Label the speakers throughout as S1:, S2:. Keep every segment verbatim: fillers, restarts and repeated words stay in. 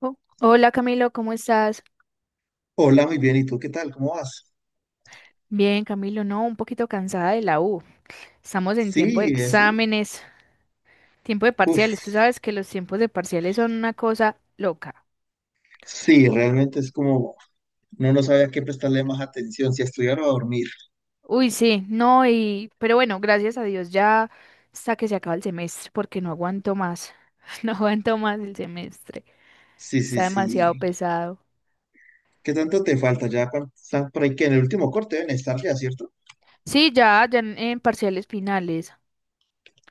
S1: Oh, hola Camilo, ¿cómo estás?
S2: Hola, muy bien. ¿Y tú qué tal? ¿Cómo vas?
S1: Bien, Camilo, no, un poquito cansada de la U. Estamos en tiempo de
S2: Sí, eso.
S1: exámenes, tiempo de parciales.
S2: Uf,
S1: Tú sabes que los tiempos de parciales son una cosa loca.
S2: sí, realmente es como no no sabía a qué prestarle más atención, si a estudiar o a dormir.
S1: Uy, sí, no, y pero bueno, gracias a Dios ya hasta que se acaba el semestre, porque no aguanto más. No aguanto más el semestre.
S2: Sí, sí,
S1: Está demasiado
S2: sí.
S1: pesado.
S2: ¿Qué tanto te falta? Ya cuán- están por ahí que en el último corte deben estar ya, ¿cierto?
S1: Sí, ya, ya en, en parciales finales.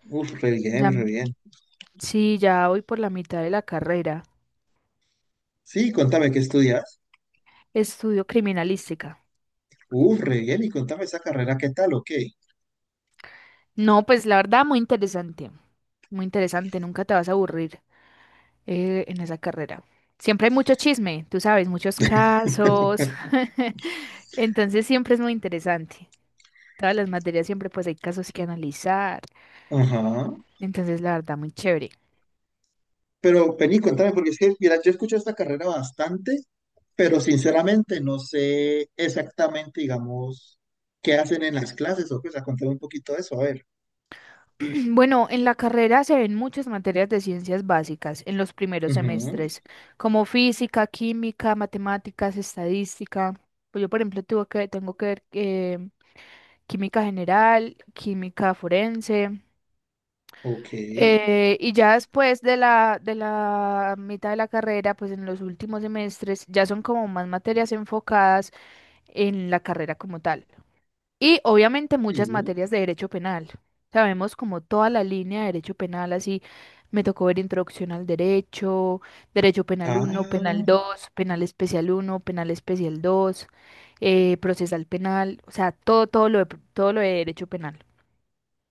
S2: Uf, re bien,
S1: Ya,
S2: re bien.
S1: sí, ya voy por la mitad de la carrera.
S2: Sí, contame qué estudias.
S1: Estudio criminalística.
S2: Uf, re bien. Y contame esa carrera, ¿qué tal o qué?
S1: No, pues la verdad, muy interesante. Muy interesante, nunca te vas a aburrir eh, en esa carrera. Siempre hay mucho chisme, tú sabes, muchos casos. Entonces siempre es muy interesante. Todas las materias siempre pues hay casos que analizar.
S2: Ajá.
S1: Entonces la verdad, muy chévere.
S2: Pero vení, contame, porque es que, mira, yo escucho esta carrera bastante, pero sinceramente no sé exactamente, digamos, qué hacen en las clases o qué. O sea, contame un poquito de eso, a ver.
S1: Bueno, en la carrera se ven muchas materias de ciencias básicas en los primeros
S2: Ujú.
S1: semestres, como física, química, matemáticas, estadística. Pues yo, por ejemplo, tuve que, tengo que ver química general, química forense.
S2: Ok.
S1: Eh, y ya después de la, de la mitad de la carrera, pues en los últimos semestres ya son como más materias enfocadas en la carrera como tal. Y obviamente muchas
S2: Sí.
S1: materias de derecho penal. Sabemos como toda la línea de derecho penal, así me tocó ver introducción al derecho, derecho penal
S2: Ah,
S1: uno, penal dos, penal especial uno, penal especial dos, eh, procesal penal, o sea, todo, todo lo de- todo lo de derecho penal.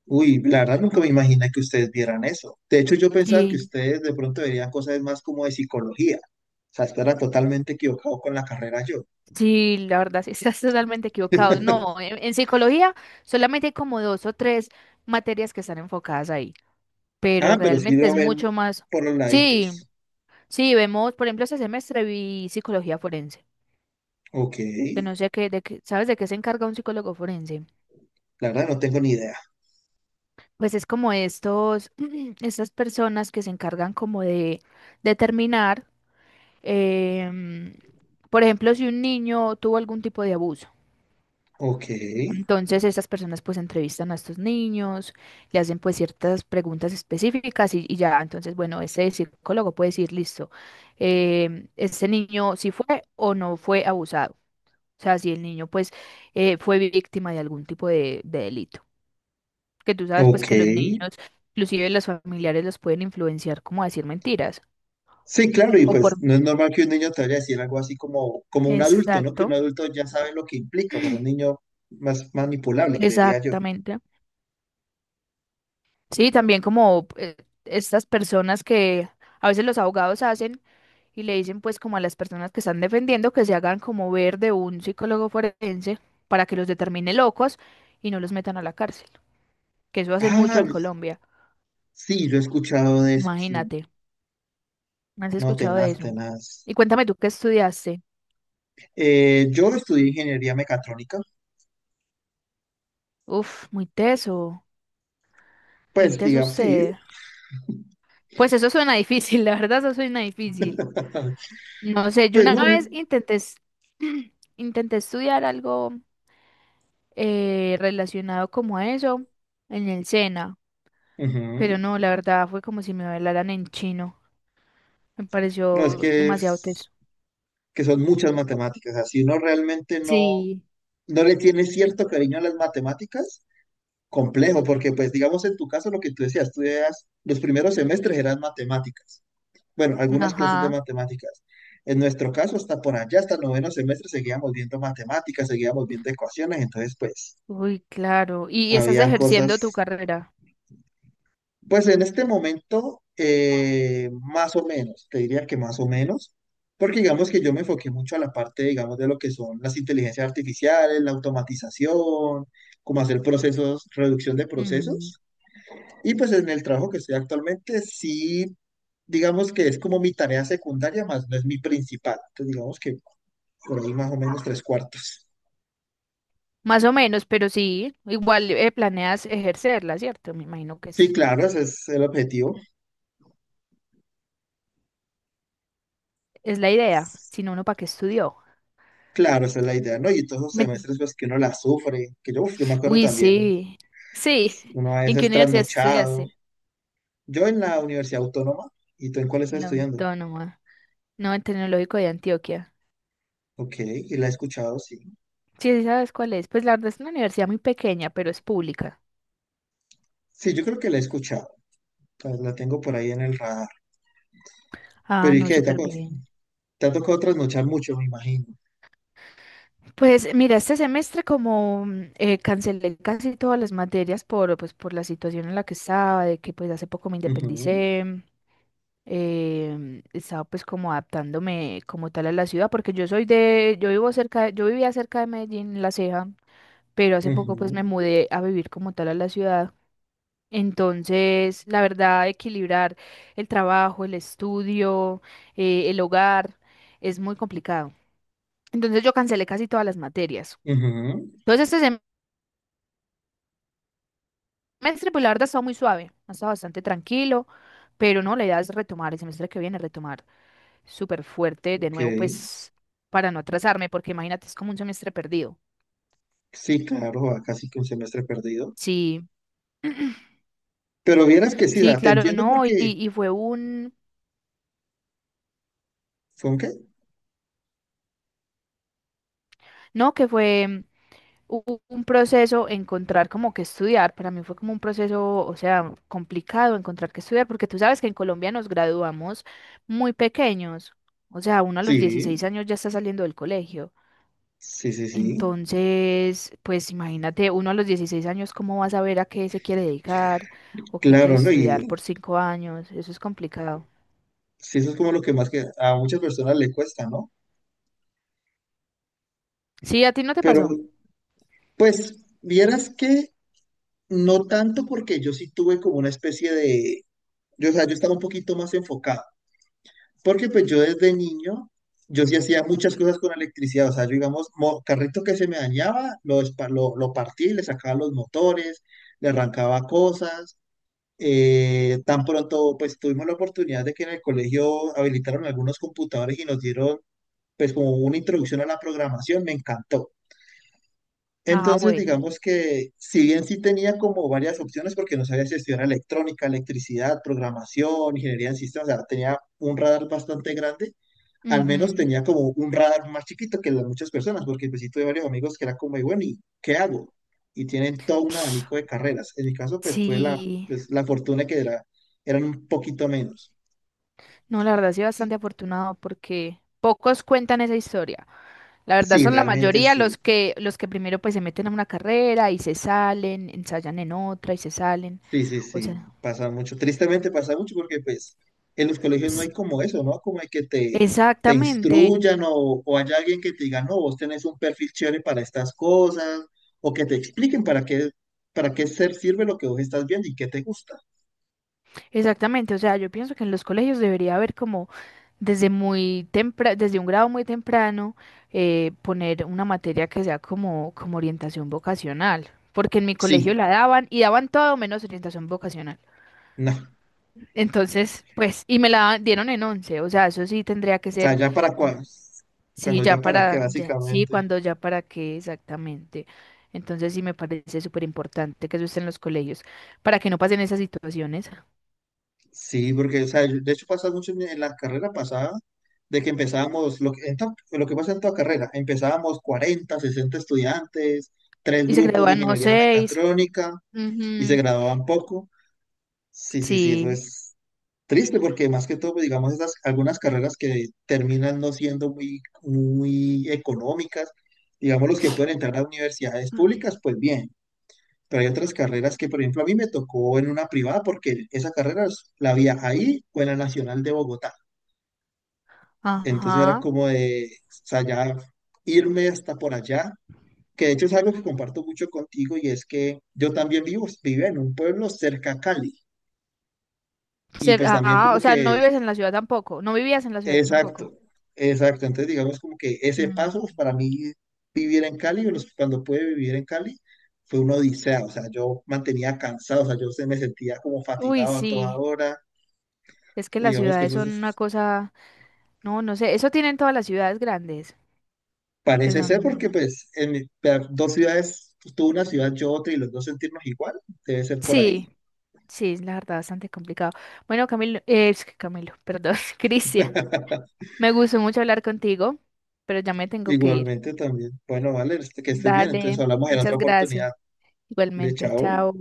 S2: uy, la verdad nunca me imaginé que ustedes vieran eso. De hecho, yo pensaba que
S1: Sí,
S2: ustedes de pronto verían cosas más como de psicología. O sea, estaba totalmente equivocado con la carrera yo.
S1: sí, la verdad, sí, estás totalmente equivocado. No, en, en psicología solamente hay como dos o tres materias que están enfocadas ahí, pero
S2: Ah, pero sí
S1: realmente
S2: lo
S1: es
S2: ven
S1: mucho más.
S2: por los
S1: Sí,
S2: laditos.
S1: sí, vemos, por ejemplo, este semestre vi psicología forense,
S2: Ok.
S1: que no sé qué, de qué, ¿sabes de qué se encarga un psicólogo forense?
S2: La verdad no tengo ni idea.
S1: Pues es como estos, estas personas que se encargan como de determinar, em, por ejemplo, si un niño tuvo algún tipo de abuso.
S2: Ok.
S1: Entonces, estas personas pues entrevistan a estos niños, le hacen pues ciertas preguntas específicas y, y ya, entonces, bueno, ese psicólogo puede decir, listo, eh, este niño si fue o no fue abusado, o sea, si el niño pues eh, fue víctima de algún tipo de, de delito, que tú sabes pues
S2: Ok.
S1: que los niños, inclusive los familiares los pueden influenciar como a decir mentiras
S2: Sí, claro, y
S1: o por...
S2: pues no es normal que un niño te vaya a decir algo así como, como un adulto, ¿no? Que un
S1: Exacto,
S2: adulto ya sabe lo que implica para un niño más manipulable, creería yo.
S1: exactamente. Sí, también como eh, estas personas que a veces los abogados hacen y le dicen pues como a las personas que están defendiendo que se hagan como ver de un psicólogo forense para que los determine locos y no los metan a la cárcel, que eso hacen mucho
S2: Ah,
S1: en Colombia.
S2: sí, yo he escuchado de eso, sí,
S1: Imagínate, ¿has
S2: no,
S1: escuchado de
S2: tenaz,
S1: eso?
S2: tenaz.
S1: Y cuéntame tú qué estudiaste.
S2: Eh, yo estudié ingeniería mecatrónica,
S1: Uf, muy teso, muy
S2: pues
S1: teso
S2: digamos, sí,
S1: usted. Pues eso suena difícil, la verdad eso suena difícil. No sé, yo
S2: pues
S1: una
S2: no, re-
S1: vez intenté, es- intenté estudiar algo eh, relacionado como a eso en el SENA. Pero
S2: ujú.
S1: no, la verdad fue como si me hablaran en chino. Me
S2: No, es
S1: pareció
S2: que
S1: demasiado
S2: es
S1: teso.
S2: que son muchas matemáticas, así uno realmente no,
S1: Sí.
S2: no le tiene cierto cariño a las matemáticas, complejo, porque pues digamos en tu caso lo que tú decías, tú eras, los primeros semestres eran matemáticas, bueno, algunas clases de
S1: Ajá.
S2: matemáticas. En nuestro caso, hasta por allá, hasta el noveno semestre, seguíamos viendo matemáticas, seguíamos viendo ecuaciones, entonces pues
S1: Uy, claro. ¿Y estás
S2: habían
S1: ejerciendo tu
S2: cosas,
S1: carrera?
S2: pues en este momento, eh, más o menos, te diría que más o menos, porque digamos que yo me enfoqué mucho a la parte, digamos, de lo que son las inteligencias artificiales, la automatización, cómo hacer procesos, reducción de
S1: Mm,
S2: procesos. Y pues en el trabajo que estoy actualmente, sí, digamos que es como mi tarea secundaria, más no es mi principal. Entonces, digamos que por ahí más o menos tres cuartos.
S1: más o menos, pero sí. Igual eh, planeas ejercerla, ¿cierto? Me imagino que
S2: Sí,
S1: sí.
S2: claro, ese es el objetivo.
S1: Es la idea. Si no, uno para qué estudió.
S2: Claro, esa es la idea, ¿no? Y todos esos
S1: Me enti-
S2: semestres, pues que uno la sufre, que yo, uf, yo me acuerdo
S1: Uy,
S2: también,
S1: sí. Sí.
S2: uno a
S1: ¿Y ¿en qué
S2: veces
S1: universidad
S2: trasnochado.
S1: estudiaste?
S2: Yo en la Universidad Autónoma, ¿y tú en cuál
S1: En
S2: estás
S1: la
S2: estudiando?
S1: Autónoma. No, en Tecnológico de Antioquia.
S2: Ok, y la he escuchado, sí.
S1: Sí, sí sabes cuál es. Pues la verdad es una universidad muy pequeña, pero es pública.
S2: Sí, yo creo que la he escuchado, pues la tengo por ahí en el radar.
S1: Ah,
S2: Pero ¿y
S1: no,
S2: qué? Te ha,
S1: súper
S2: co-
S1: bien.
S2: te ha tocado trasnochar mucho, me imagino.
S1: Pues mira, este semestre como mm, eh, cancelé casi todas las materias por, pues, por la situación en la que estaba, de que pues hace poco me
S2: Ujú.
S1: independicé, eh, estaba pues como adaptándome como tal a la ciudad, porque yo soy de, yo vivo cerca, de- yo vivía cerca de Medellín, La Ceja, pero hace poco pues
S2: Ujú,
S1: me mudé a vivir como tal a la ciudad. Entonces, la verdad, equilibrar el trabajo, el estudio, eh, el hogar, es muy complicado. Entonces yo cancelé casi todas las materias.
S2: ujú,
S1: Entonces, este semestre, pues la verdad, ha estado muy suave, ha estado bastante tranquilo, pero no, la idea es retomar el semestre que viene, retomar súper fuerte de nuevo,
S2: ok.
S1: pues para no atrasarme, porque imagínate, es como un semestre perdido.
S2: Sí, claro, a casi que un semestre perdido.
S1: Sí,
S2: Pero vieras que sí,
S1: sí,
S2: da, te
S1: claro,
S2: entiendo
S1: no, y,
S2: porque,
S1: y fue un,
S2: ¿con qué?
S1: no, que fue u- un proceso encontrar como que estudiar, para mí fue como un proceso, o sea, complicado encontrar que estudiar, porque tú sabes que en Colombia nos graduamos muy pequeños, o sea, uno a los dieciséis
S2: Sí,
S1: años ya está saliendo del colegio.
S2: sí, sí, sí.
S1: Entonces, pues imagínate, uno a los dieciséis años, ¿cómo vas a ver a qué se quiere dedicar o qué quiere
S2: Claro, ¿no?
S1: estudiar
S2: Y
S1: por cinco años? Eso es complicado.
S2: sí, eso es como lo que más que a muchas personas le cuesta, ¿no?
S1: Sí, a ti no te
S2: Pero,
S1: pasó.
S2: pues, vieras que no tanto porque yo sí tuve como una especie de, yo, o sea, yo estaba un poquito más enfocado. Porque pues yo desde niño, yo sí hacía muchas cosas con electricidad, o sea, yo digamos, mo- carrito que se me dañaba, lo, espa- lo, lo partí, le sacaba los motores, le arrancaba cosas. Eh, tan pronto pues tuvimos la oportunidad de que en el colegio habilitaron algunos computadores y nos dieron pues como una introducción a la programación, me encantó.
S1: Ah,
S2: Entonces
S1: bueno.
S2: digamos que si bien sí tenía como varias opciones porque no sabía si estudiar electrónica, electricidad, programación, ingeniería en sistemas, o sea, tenía un radar bastante grande, al menos
S1: Ujú.
S2: tenía como un radar más chiquito que las muchas personas, porque pues sí tuve varios amigos que era como, y bueno, ¿y qué hago? Y tienen todo un abanico de carreras. En mi caso, pues tuve la,
S1: Sí,
S2: pues, la fortuna que era, eran un poquito menos.
S1: no, la verdad sí
S2: Y
S1: bastante afortunado porque pocos cuentan esa historia. La verdad
S2: sí,
S1: son la
S2: realmente
S1: mayoría
S2: sí,
S1: los que los que primero pues se meten a una carrera y se salen, ensayan en otra y se salen.
S2: sí, sí,
S1: O
S2: sí,
S1: sea,
S2: pasa mucho. Tristemente pasa mucho porque pues en los colegios no hay
S1: s-
S2: como eso, ¿no? Como hay que te, te
S1: exactamente.
S2: instruyan o, o haya alguien que te diga, no, vos tenés un perfil chévere para estas cosas, o que te expliquen para qué, para qué ser sirve lo que vos estás viendo y qué te gusta.
S1: Exactamente, o sea, yo pienso que en los colegios debería haber como desde muy temprano, desde un grado muy temprano, eh, poner una materia que sea como, como orientación vocacional, porque en mi colegio
S2: Sí,
S1: la daban y daban todo menos orientación vocacional.
S2: no. O
S1: Entonces, pues, y me la daban- dieron en once, o sea, eso sí tendría que
S2: sea,
S1: ser,
S2: ya para
S1: como-
S2: cua-
S1: sí,
S2: cuando
S1: ya
S2: ya para qué,
S1: para, ya- sí,
S2: básicamente.
S1: cuando ya para qué exactamente. Entonces sí me parece súper importante que eso esté en los colegios, para que no pasen esas situaciones.
S2: Sí, porque, o sea, yo- de hecho pasa mucho en en la carrera pasada, de que empezábamos, lo que, en to- lo que pasa en toda carrera, empezábamos cuarenta, sesenta estudiantes, tres
S1: Y se
S2: grupos de
S1: gradúan no
S2: ingeniería
S1: seis.
S2: mecatrónica y se
S1: Ujú,
S2: graduaban poco. Sí, sí, sí, eso
S1: sí.
S2: es triste porque más que todo, pues, digamos, esas algunas carreras que terminan no siendo muy, muy económicas, digamos, los que pueden entrar a universidades públicas, pues bien. Pero hay otras carreras que, por ejemplo, a mí me tocó en una privada porque esa carrera es- la había ahí o en la Nacional de Bogotá. Entonces era
S1: Ajá.
S2: como de, o sea, ya irme hasta por allá, que de hecho es algo que comparto mucho contigo y es que yo también vivo, vivo en un pueblo cerca a Cali y
S1: Ser-
S2: pues también
S1: ah,
S2: como
S1: o sea, no
S2: que,
S1: vives en la ciudad tampoco. No vivías en la ciudad tampoco.
S2: exacto, exacto. Entonces digamos como que ese
S1: Mm.
S2: paso pues, para mí vivir en Cali, o los- cuando pude vivir en Cali, fue una odisea, o sea, yo mantenía cansado, o sea, yo se me sentía como
S1: Uy,
S2: fatigado a toda
S1: sí.
S2: hora.
S1: Es que las
S2: Digamos que
S1: ciudades
S2: eso
S1: son una
S2: es-
S1: cosa. No, no sé. Eso tienen todas las ciudades grandes, que
S2: parece ser porque
S1: son.
S2: pues en mi- pe- dos ciudades, pues, tú una ciudad, yo otra y los dos sentirnos igual, debe ser por
S1: Sí,
S2: ahí.
S1: sí, es la verdad, bastante complicado. Bueno, Camilo, eh, es que Camilo, perdón, Cristian. Me gustó mucho hablar contigo, pero ya me tengo que ir.
S2: Igualmente también. Bueno, vale, este- que estés bien. Entonces
S1: Dale,
S2: hablamos en otra
S1: muchas gracias.
S2: oportunidad. De
S1: Igualmente,
S2: chao.
S1: chao.